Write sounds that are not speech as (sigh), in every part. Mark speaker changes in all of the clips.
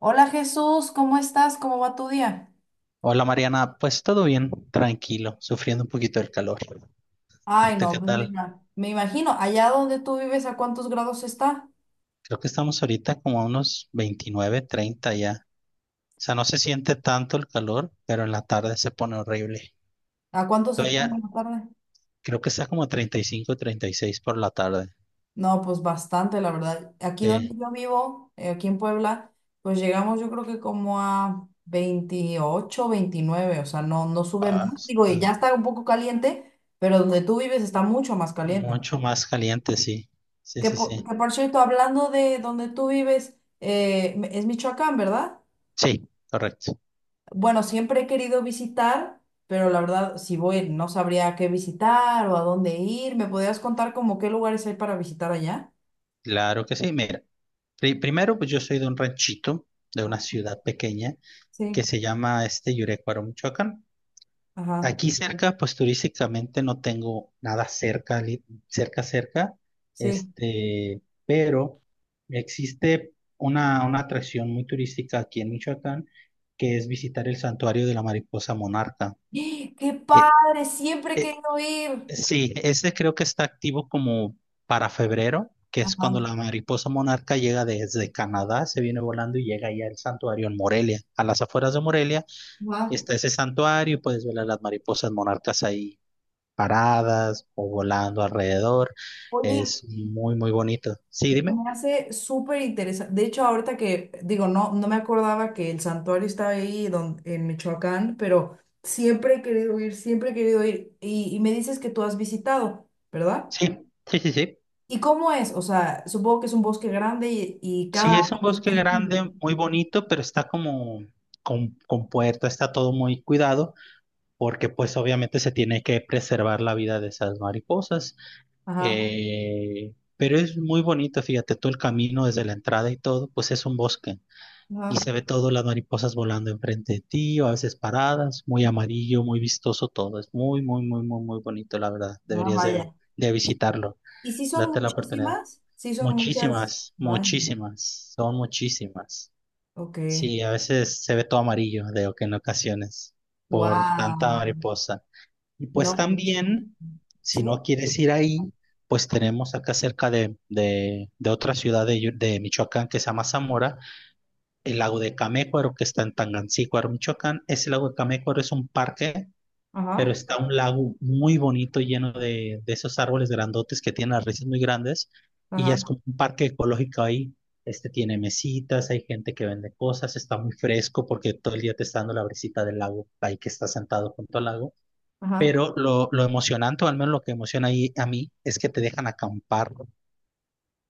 Speaker 1: Hola Jesús, ¿cómo estás? ¿Cómo va tu día?
Speaker 2: Hola Mariana, pues todo bien, tranquilo, sufriendo un poquito del calor. ¿Y
Speaker 1: Ay,
Speaker 2: tú
Speaker 1: no,
Speaker 2: qué
Speaker 1: pues
Speaker 2: tal?
Speaker 1: me imagino, allá donde tú vives, ¿a cuántos grados está?
Speaker 2: Creo que estamos ahorita como a unos 29, 30 ya. O sea, no se siente tanto el calor, pero en la tarde se pone horrible.
Speaker 1: ¿A cuánto
Speaker 2: Tú
Speaker 1: se pone
Speaker 2: allá
Speaker 1: en la tarde?
Speaker 2: creo que está como 30 35, 36 por la tarde.
Speaker 1: No, pues bastante, la verdad. Aquí donde
Speaker 2: Sí.
Speaker 1: yo vivo, aquí en Puebla, pues llegamos yo creo que como a 28, 29, o sea, no, no sube más.
Speaker 2: Ah,
Speaker 1: Digo, y
Speaker 2: está
Speaker 1: ya está un poco caliente, pero donde tú vives está mucho más caliente.
Speaker 2: mucho más caliente, sí. Sí, sí, sí.
Speaker 1: Que por cierto, hablando de donde tú vives, es Michoacán, ¿verdad?
Speaker 2: Sí, correcto.
Speaker 1: Bueno, siempre he querido visitar, pero la verdad, si voy, no sabría qué visitar o a dónde ir. ¿Me podrías contar como qué lugares hay para visitar allá?
Speaker 2: Claro que sí. Mira, primero pues yo soy de un ranchito, de una ciudad pequeña que
Speaker 1: Sí,
Speaker 2: se llama este Yurecuaro, Michoacán.
Speaker 1: ajá,
Speaker 2: Aquí cerca, pues turísticamente no tengo nada cerca, cerca, cerca,
Speaker 1: sí.
Speaker 2: este, pero existe una atracción muy turística aquí en Michoacán, que es visitar el santuario de la mariposa monarca.
Speaker 1: ¡Ah! ¡Qué
Speaker 2: Eh,
Speaker 1: padre! Siempre he
Speaker 2: eh,
Speaker 1: querido ir.
Speaker 2: sí, ese creo que está activo como para febrero, que es cuando
Speaker 1: Ajá,
Speaker 2: la mariposa monarca llega desde Canadá, se viene volando y llega ya al santuario en Morelia. A las afueras de Morelia
Speaker 1: ajá.
Speaker 2: está ese santuario y puedes ver a las mariposas monarcas ahí paradas o volando alrededor.
Speaker 1: Oye,
Speaker 2: Es muy, muy bonito. Sí, dime.
Speaker 1: me hace súper interesante. De hecho, ahorita que digo, no, no me acordaba que el santuario está ahí en Michoacán, pero siempre he querido ir, siempre he querido ir. Y me dices que tú has visitado, ¿verdad?
Speaker 2: Sí, sí, sí, sí.
Speaker 1: ¿Y cómo es? O sea, supongo que es un bosque grande y cada
Speaker 2: Sí, es un
Speaker 1: árbol
Speaker 2: bosque grande, muy bonito, pero está como con puerta, está todo muy cuidado, porque pues obviamente se tiene que preservar la vida de esas mariposas.
Speaker 1: ajá,
Speaker 2: Pero es muy bonito, fíjate, todo el camino desde la entrada y todo, pues es un bosque. Y
Speaker 1: ajá,
Speaker 2: se ve todo, las mariposas volando enfrente de ti, o a veces paradas, muy amarillo, muy vistoso todo. Es muy, muy, muy, muy, muy bonito, la verdad.
Speaker 1: ah,
Speaker 2: Deberías de,
Speaker 1: vaya.
Speaker 2: de visitarlo.
Speaker 1: ¿Y si son
Speaker 2: Date la oportunidad.
Speaker 1: muchísimas? Sí son muchas.
Speaker 2: Muchísimas,
Speaker 1: Vaya,
Speaker 2: muchísimas, son muchísimas.
Speaker 1: ok.
Speaker 2: Sí, a veces se ve todo amarillo, de que en ocasiones, por tanta
Speaker 1: Wow.
Speaker 2: mariposa. Y pues
Speaker 1: No, pues,
Speaker 2: también, si
Speaker 1: sí,
Speaker 2: no quieres ir ahí, pues tenemos acá cerca de otra ciudad de Michoacán que se llama Zamora, el lago de Camécuaro, que está en Tangancícuaro, Michoacán. Ese lago de Camécuaro es un parque, pero
Speaker 1: ajá,
Speaker 2: está un lago muy bonito lleno de esos árboles grandotes que tienen las raíces muy grandes. Y ya
Speaker 1: ajá,
Speaker 2: es como un parque ecológico ahí. Este tiene mesitas, hay gente que vende cosas, está muy fresco porque todo el día te está dando la brisita del lago, ahí que estás sentado junto al lago.
Speaker 1: ajá,
Speaker 2: Pero lo emocionante, o al menos lo que emociona ahí a mí, es que te dejan acampar.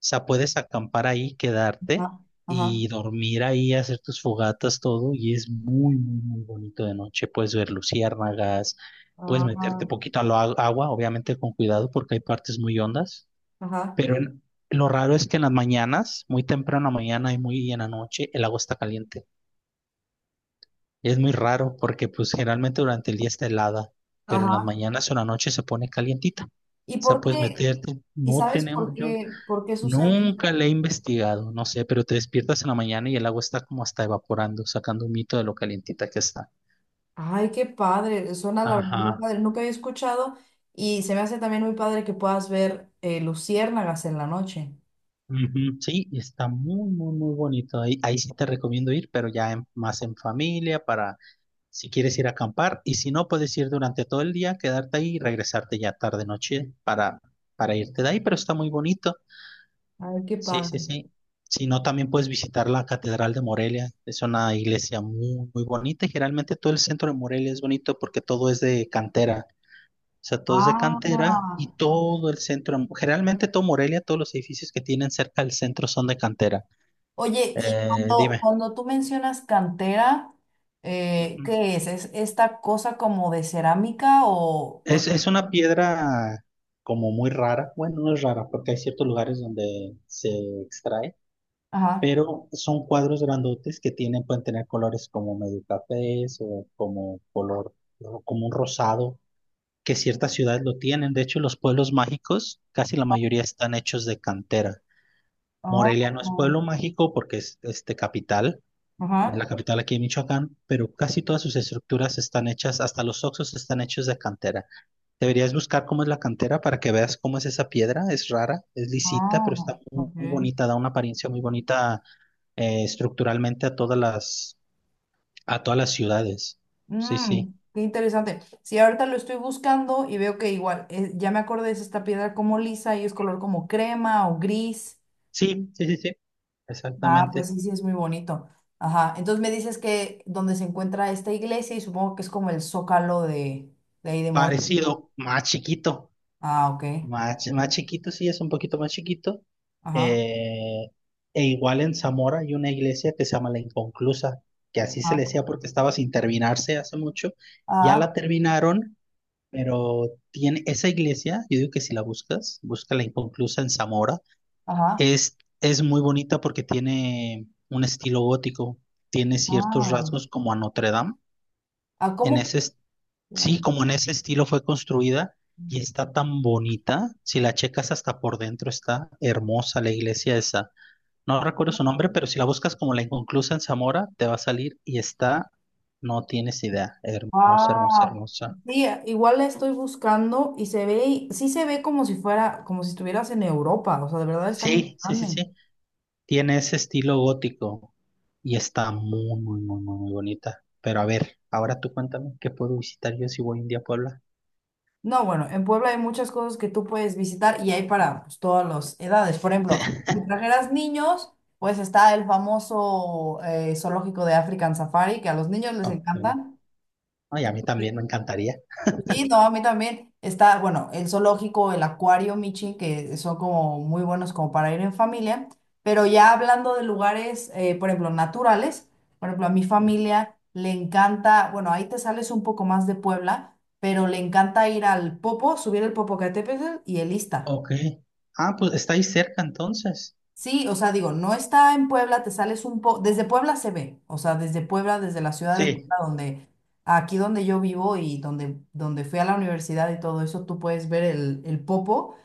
Speaker 2: O sea, puedes acampar ahí, quedarte
Speaker 1: ajá,
Speaker 2: y
Speaker 1: ajá,
Speaker 2: dormir ahí, hacer tus fogatas, todo, y es muy, muy, muy bonito de noche. Puedes ver luciérnagas, puedes meterte
Speaker 1: ah,
Speaker 2: poquito al agua, obviamente con cuidado porque hay partes muy hondas,
Speaker 1: ajá,
Speaker 2: pero en- lo raro es que en las mañanas, muy temprano en la mañana y muy en la noche, el agua está caliente. Es muy raro porque pues generalmente durante el día está helada, pero en las
Speaker 1: ajá.
Speaker 2: mañanas o la noche se pone calientita. O
Speaker 1: ¿Y
Speaker 2: sea,
Speaker 1: por
Speaker 2: puedes
Speaker 1: qué?
Speaker 2: meterte,
Speaker 1: ¿Y
Speaker 2: no
Speaker 1: sabes
Speaker 2: tenemos, yo
Speaker 1: por qué sucede
Speaker 2: nunca
Speaker 1: esto?
Speaker 2: le he investigado, no sé, pero te despiertas en la mañana y el agua está como hasta evaporando, sacando un mito de lo calientita que está.
Speaker 1: Ay, qué padre, suena la verdad muy
Speaker 2: Ajá.
Speaker 1: padre, nunca había escuchado y se me hace también muy padre que puedas ver luciérnagas en la noche.
Speaker 2: Ujú, sí, y está muy, muy, muy bonito. Ahí, ahí sí te recomiendo ir, pero ya más en familia, para si quieres ir a acampar. Y si no, puedes ir durante todo el día, quedarte ahí y regresarte ya tarde, noche para irte de ahí, pero está muy bonito.
Speaker 1: Ay, qué
Speaker 2: Sí,
Speaker 1: padre.
Speaker 2: sí, sí. Si no, también puedes visitar la Catedral de Morelia. Es una iglesia muy, muy bonita. Y generalmente todo el centro de Morelia es bonito porque todo es de cantera. O sea, todo es de cantera
Speaker 1: Ah,
Speaker 2: y todo el centro, generalmente todo Morelia, todos los edificios que tienen cerca del centro son de cantera.
Speaker 1: oye, y
Speaker 2: Dime.
Speaker 1: cuando tú mencionas cantera,
Speaker 2: Ujú.
Speaker 1: ¿qué es? ¿Es esta cosa como de cerámica o...?
Speaker 2: Es una piedra como muy rara. Bueno, no es rara porque hay ciertos lugares donde se extrae,
Speaker 1: Ajá.
Speaker 2: pero son cuadros grandotes que tienen, pueden tener colores como medio cafés o como color, o como un rosado, que ciertas ciudades lo tienen. De hecho, los pueblos mágicos, casi la mayoría están hechos de cantera.
Speaker 1: Ah,
Speaker 2: Morelia no es pueblo mágico porque es este capital, es
Speaker 1: ajá.
Speaker 2: la capital aquí en Michoacán, pero casi todas sus estructuras están hechas, hasta los oxos están hechos de cantera. Deberías buscar cómo es la cantera para que veas cómo es esa piedra. Es rara, es lisita, pero
Speaker 1: Ah,
Speaker 2: está muy,
Speaker 1: ok.
Speaker 2: muy bonita, da una apariencia muy bonita, estructuralmente a todas las, ciudades. Sí,
Speaker 1: Mm,
Speaker 2: sí.
Speaker 1: qué interesante. Sí, ahorita lo estoy buscando y veo que igual, ya me acordé, es esta piedra como lisa y es color como crema o gris.
Speaker 2: Sí, sí, sí, sí.
Speaker 1: Ah, pues
Speaker 2: Exactamente.
Speaker 1: sí, sí, es muy bonito. Ajá, entonces me dices que donde se encuentra esta iglesia y supongo que es como el zócalo de ahí de Morelia, ¿no?
Speaker 2: Parecido, más chiquito.
Speaker 1: Ah, ok.
Speaker 2: Más
Speaker 1: Ok.
Speaker 2: chiquito, sí, es un poquito más chiquito.
Speaker 1: Ajá.
Speaker 2: Eh, E igual en Zamora hay una iglesia que se llama La Inconclusa, que así se le
Speaker 1: Ajá.
Speaker 2: decía porque estaba sin terminarse hace mucho. Ya
Speaker 1: Ah,
Speaker 2: la terminaron. Pero tiene esa iglesia, yo digo que si la buscas, busca la inconclusa en Zamora,
Speaker 1: ajá.
Speaker 2: es muy bonita porque tiene un estilo gótico, tiene ciertos
Speaker 1: Ah,
Speaker 2: rasgos como a Notre Dame.
Speaker 1: ah,
Speaker 2: En
Speaker 1: ¿cómo?
Speaker 2: ese, est- sí, como en ese estilo fue construida y está tan bonita. Si la checas hasta por dentro, está hermosa la iglesia esa. No
Speaker 1: Ah,
Speaker 2: recuerdo su nombre, pero si la buscas como la inconclusa en Zamora, te va a salir y está, no tienes idea, hermosa, hermosa,
Speaker 1: ah,
Speaker 2: hermosa.
Speaker 1: sí, igual la estoy buscando y se ve, sí se ve como si fuera, como si estuvieras en Europa, o sea, de verdad está muy
Speaker 2: Sí, sí, sí,
Speaker 1: grande.
Speaker 2: sí. Tiene ese estilo gótico y está muy, muy, muy, muy, muy bonita. Pero a ver, ahora tú cuéntame qué puedo visitar yo si voy un día a Puebla.
Speaker 1: No, bueno, en Puebla hay muchas cosas que tú puedes visitar y hay para pues, todas las edades. Por ejemplo, si trajeras niños, pues está el famoso zoológico de African Safari, que a los niños les encanta.
Speaker 2: Ok. Ay, a mí también me encantaría.
Speaker 1: Sí, no, a mí también está, bueno, el zoológico, el acuario Michi, que son como muy buenos como para ir en familia, pero ya hablando de lugares, por ejemplo, naturales, por ejemplo, a mi familia le encanta, bueno, ahí te sales un poco más de Puebla, pero le encanta ir al Popo, subir el Popocatépetl y el Ista.
Speaker 2: Ok. Ah, pues está ahí cerca entonces.
Speaker 1: Sí, o sea, digo, no está en Puebla, te sales un poco, desde Puebla se ve, o sea, desde Puebla, desde la ciudad de
Speaker 2: Sí.
Speaker 1: Puebla, donde, aquí donde yo vivo y donde fui a la universidad y todo eso, tú puedes ver el Popo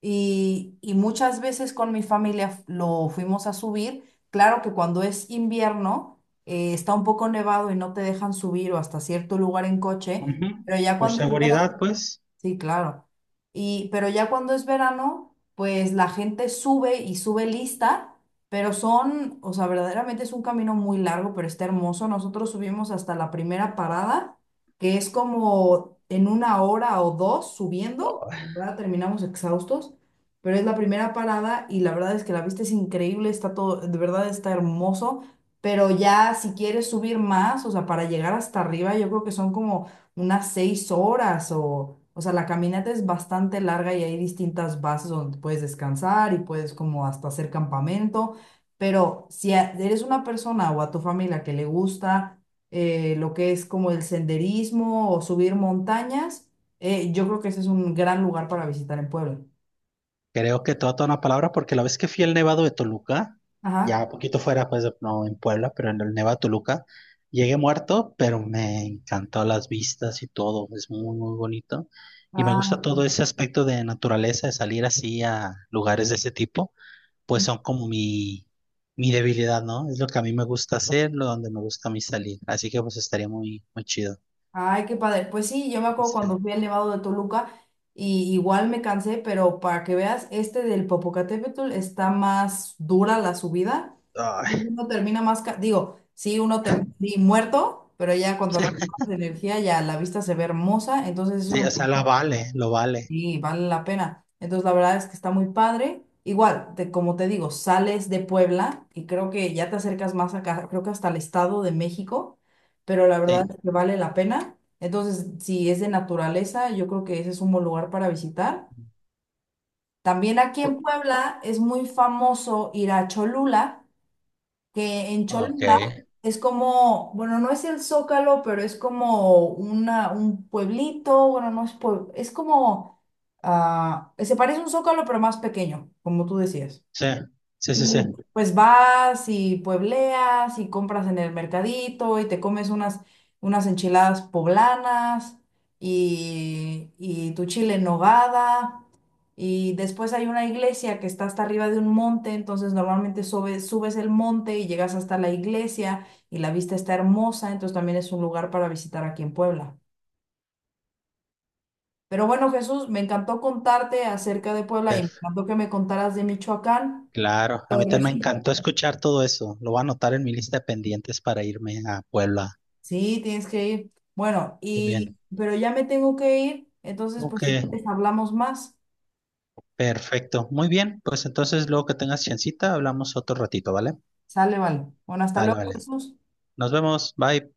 Speaker 1: y muchas veces con mi familia lo fuimos a subir. Claro que cuando es invierno, está un poco nevado y no te dejan subir o hasta cierto lugar en coche,
Speaker 2: Ujú.
Speaker 1: pero ya
Speaker 2: Por
Speaker 1: cuando es verano
Speaker 2: seguridad, pues.
Speaker 1: sí, claro. Y, pero ya cuando es verano, pues la gente sube y sube lista, pero son, o sea, verdaderamente es un camino muy largo, pero está hermoso. Nosotros subimos hasta la primera parada, que es como en una hora o dos subiendo, en verdad terminamos exhaustos, pero es la primera parada y la verdad es que la vista es increíble, está todo, de verdad está hermoso, pero ya si quieres subir más, o sea, para llegar hasta arriba, yo creo que son como unas 6 horas o sea, la caminata es bastante larga y hay distintas bases donde puedes descansar y puedes como hasta hacer campamento, pero si eres una persona o a tu familia que le gusta lo que es como el senderismo o subir montañas, yo creo que ese es un gran lugar para visitar en Puebla.
Speaker 2: Creo que toda, toda una palabra, porque la vez que fui al Nevado de Toluca,
Speaker 1: Ajá.
Speaker 2: ya un poquito fuera, pues no en Puebla, pero en el Nevado de Toluca, llegué muerto, pero me encantó las vistas y todo, es muy, muy bonito. Y me gusta
Speaker 1: Ah,
Speaker 2: todo ese aspecto de naturaleza, de salir así a lugares de ese tipo, pues son como mi debilidad, ¿no? Es lo que a mí me gusta hacer, lo donde me gusta a mí salir. Así que pues estaría muy, muy chido.
Speaker 1: ay, qué padre. Pues sí, yo me acuerdo
Speaker 2: Sí.
Speaker 1: cuando fui al Nevado de Toluca y igual me cansé, pero para que veas, este del Popocatépetl está más dura la subida. Y
Speaker 2: Ay,
Speaker 1: uno termina más, digo, sí, uno termina sí, muerto, pero ya cuando recuperas
Speaker 2: (laughs)
Speaker 1: energía ya la vista se ve hermosa, entonces
Speaker 2: sí,
Speaker 1: eso
Speaker 2: o sea, lo vale, lo vale.
Speaker 1: sí, vale la pena. Entonces, la verdad es que está muy padre. Igual, como te digo, sales de Puebla y creo que ya te acercas más acá, creo que hasta el Estado de México, pero la verdad
Speaker 2: Sí.
Speaker 1: es que vale la pena. Entonces, si es de naturaleza, yo creo que ese es un buen lugar para visitar. También aquí en Puebla es muy famoso ir a Cholula, que en
Speaker 2: Ok.
Speaker 1: Cholula es como, bueno, no es el Zócalo, pero es como una, un pueblito, bueno, no es pueblo, es como, ah, se parece a un Zócalo, pero más pequeño, como tú decías.
Speaker 2: Sí, sí, sí, sí.
Speaker 1: Y pues vas y puebleas y compras en el mercadito y te comes unas enchiladas poblanas y tu chile en nogada. Y después hay una iglesia que está hasta arriba de un monte, entonces normalmente subes el monte y llegas hasta la iglesia y la vista está hermosa, entonces también es un lugar para visitar aquí en Puebla. Pero bueno, Jesús, me encantó contarte acerca de Puebla y me
Speaker 2: Per-
Speaker 1: encantó que me contaras de Michoacán.
Speaker 2: Claro, a
Speaker 1: Pero
Speaker 2: mí también me
Speaker 1: resulta
Speaker 2: encantó escuchar todo eso. Lo voy a anotar en mi lista de pendientes para irme a Puebla.
Speaker 1: sí, tienes que ir. Bueno,
Speaker 2: Muy bien.
Speaker 1: y pero ya me tengo que ir, entonces pues
Speaker 2: Ok,
Speaker 1: si quieres hablamos más.
Speaker 2: perfecto. Muy bien, pues entonces luego que tengas chancita, hablamos otro ratito, ¿vale?
Speaker 1: Sale, vale. Bueno, hasta
Speaker 2: Vale,
Speaker 1: luego,
Speaker 2: vale.
Speaker 1: Jesús.
Speaker 2: Nos vemos. Bye.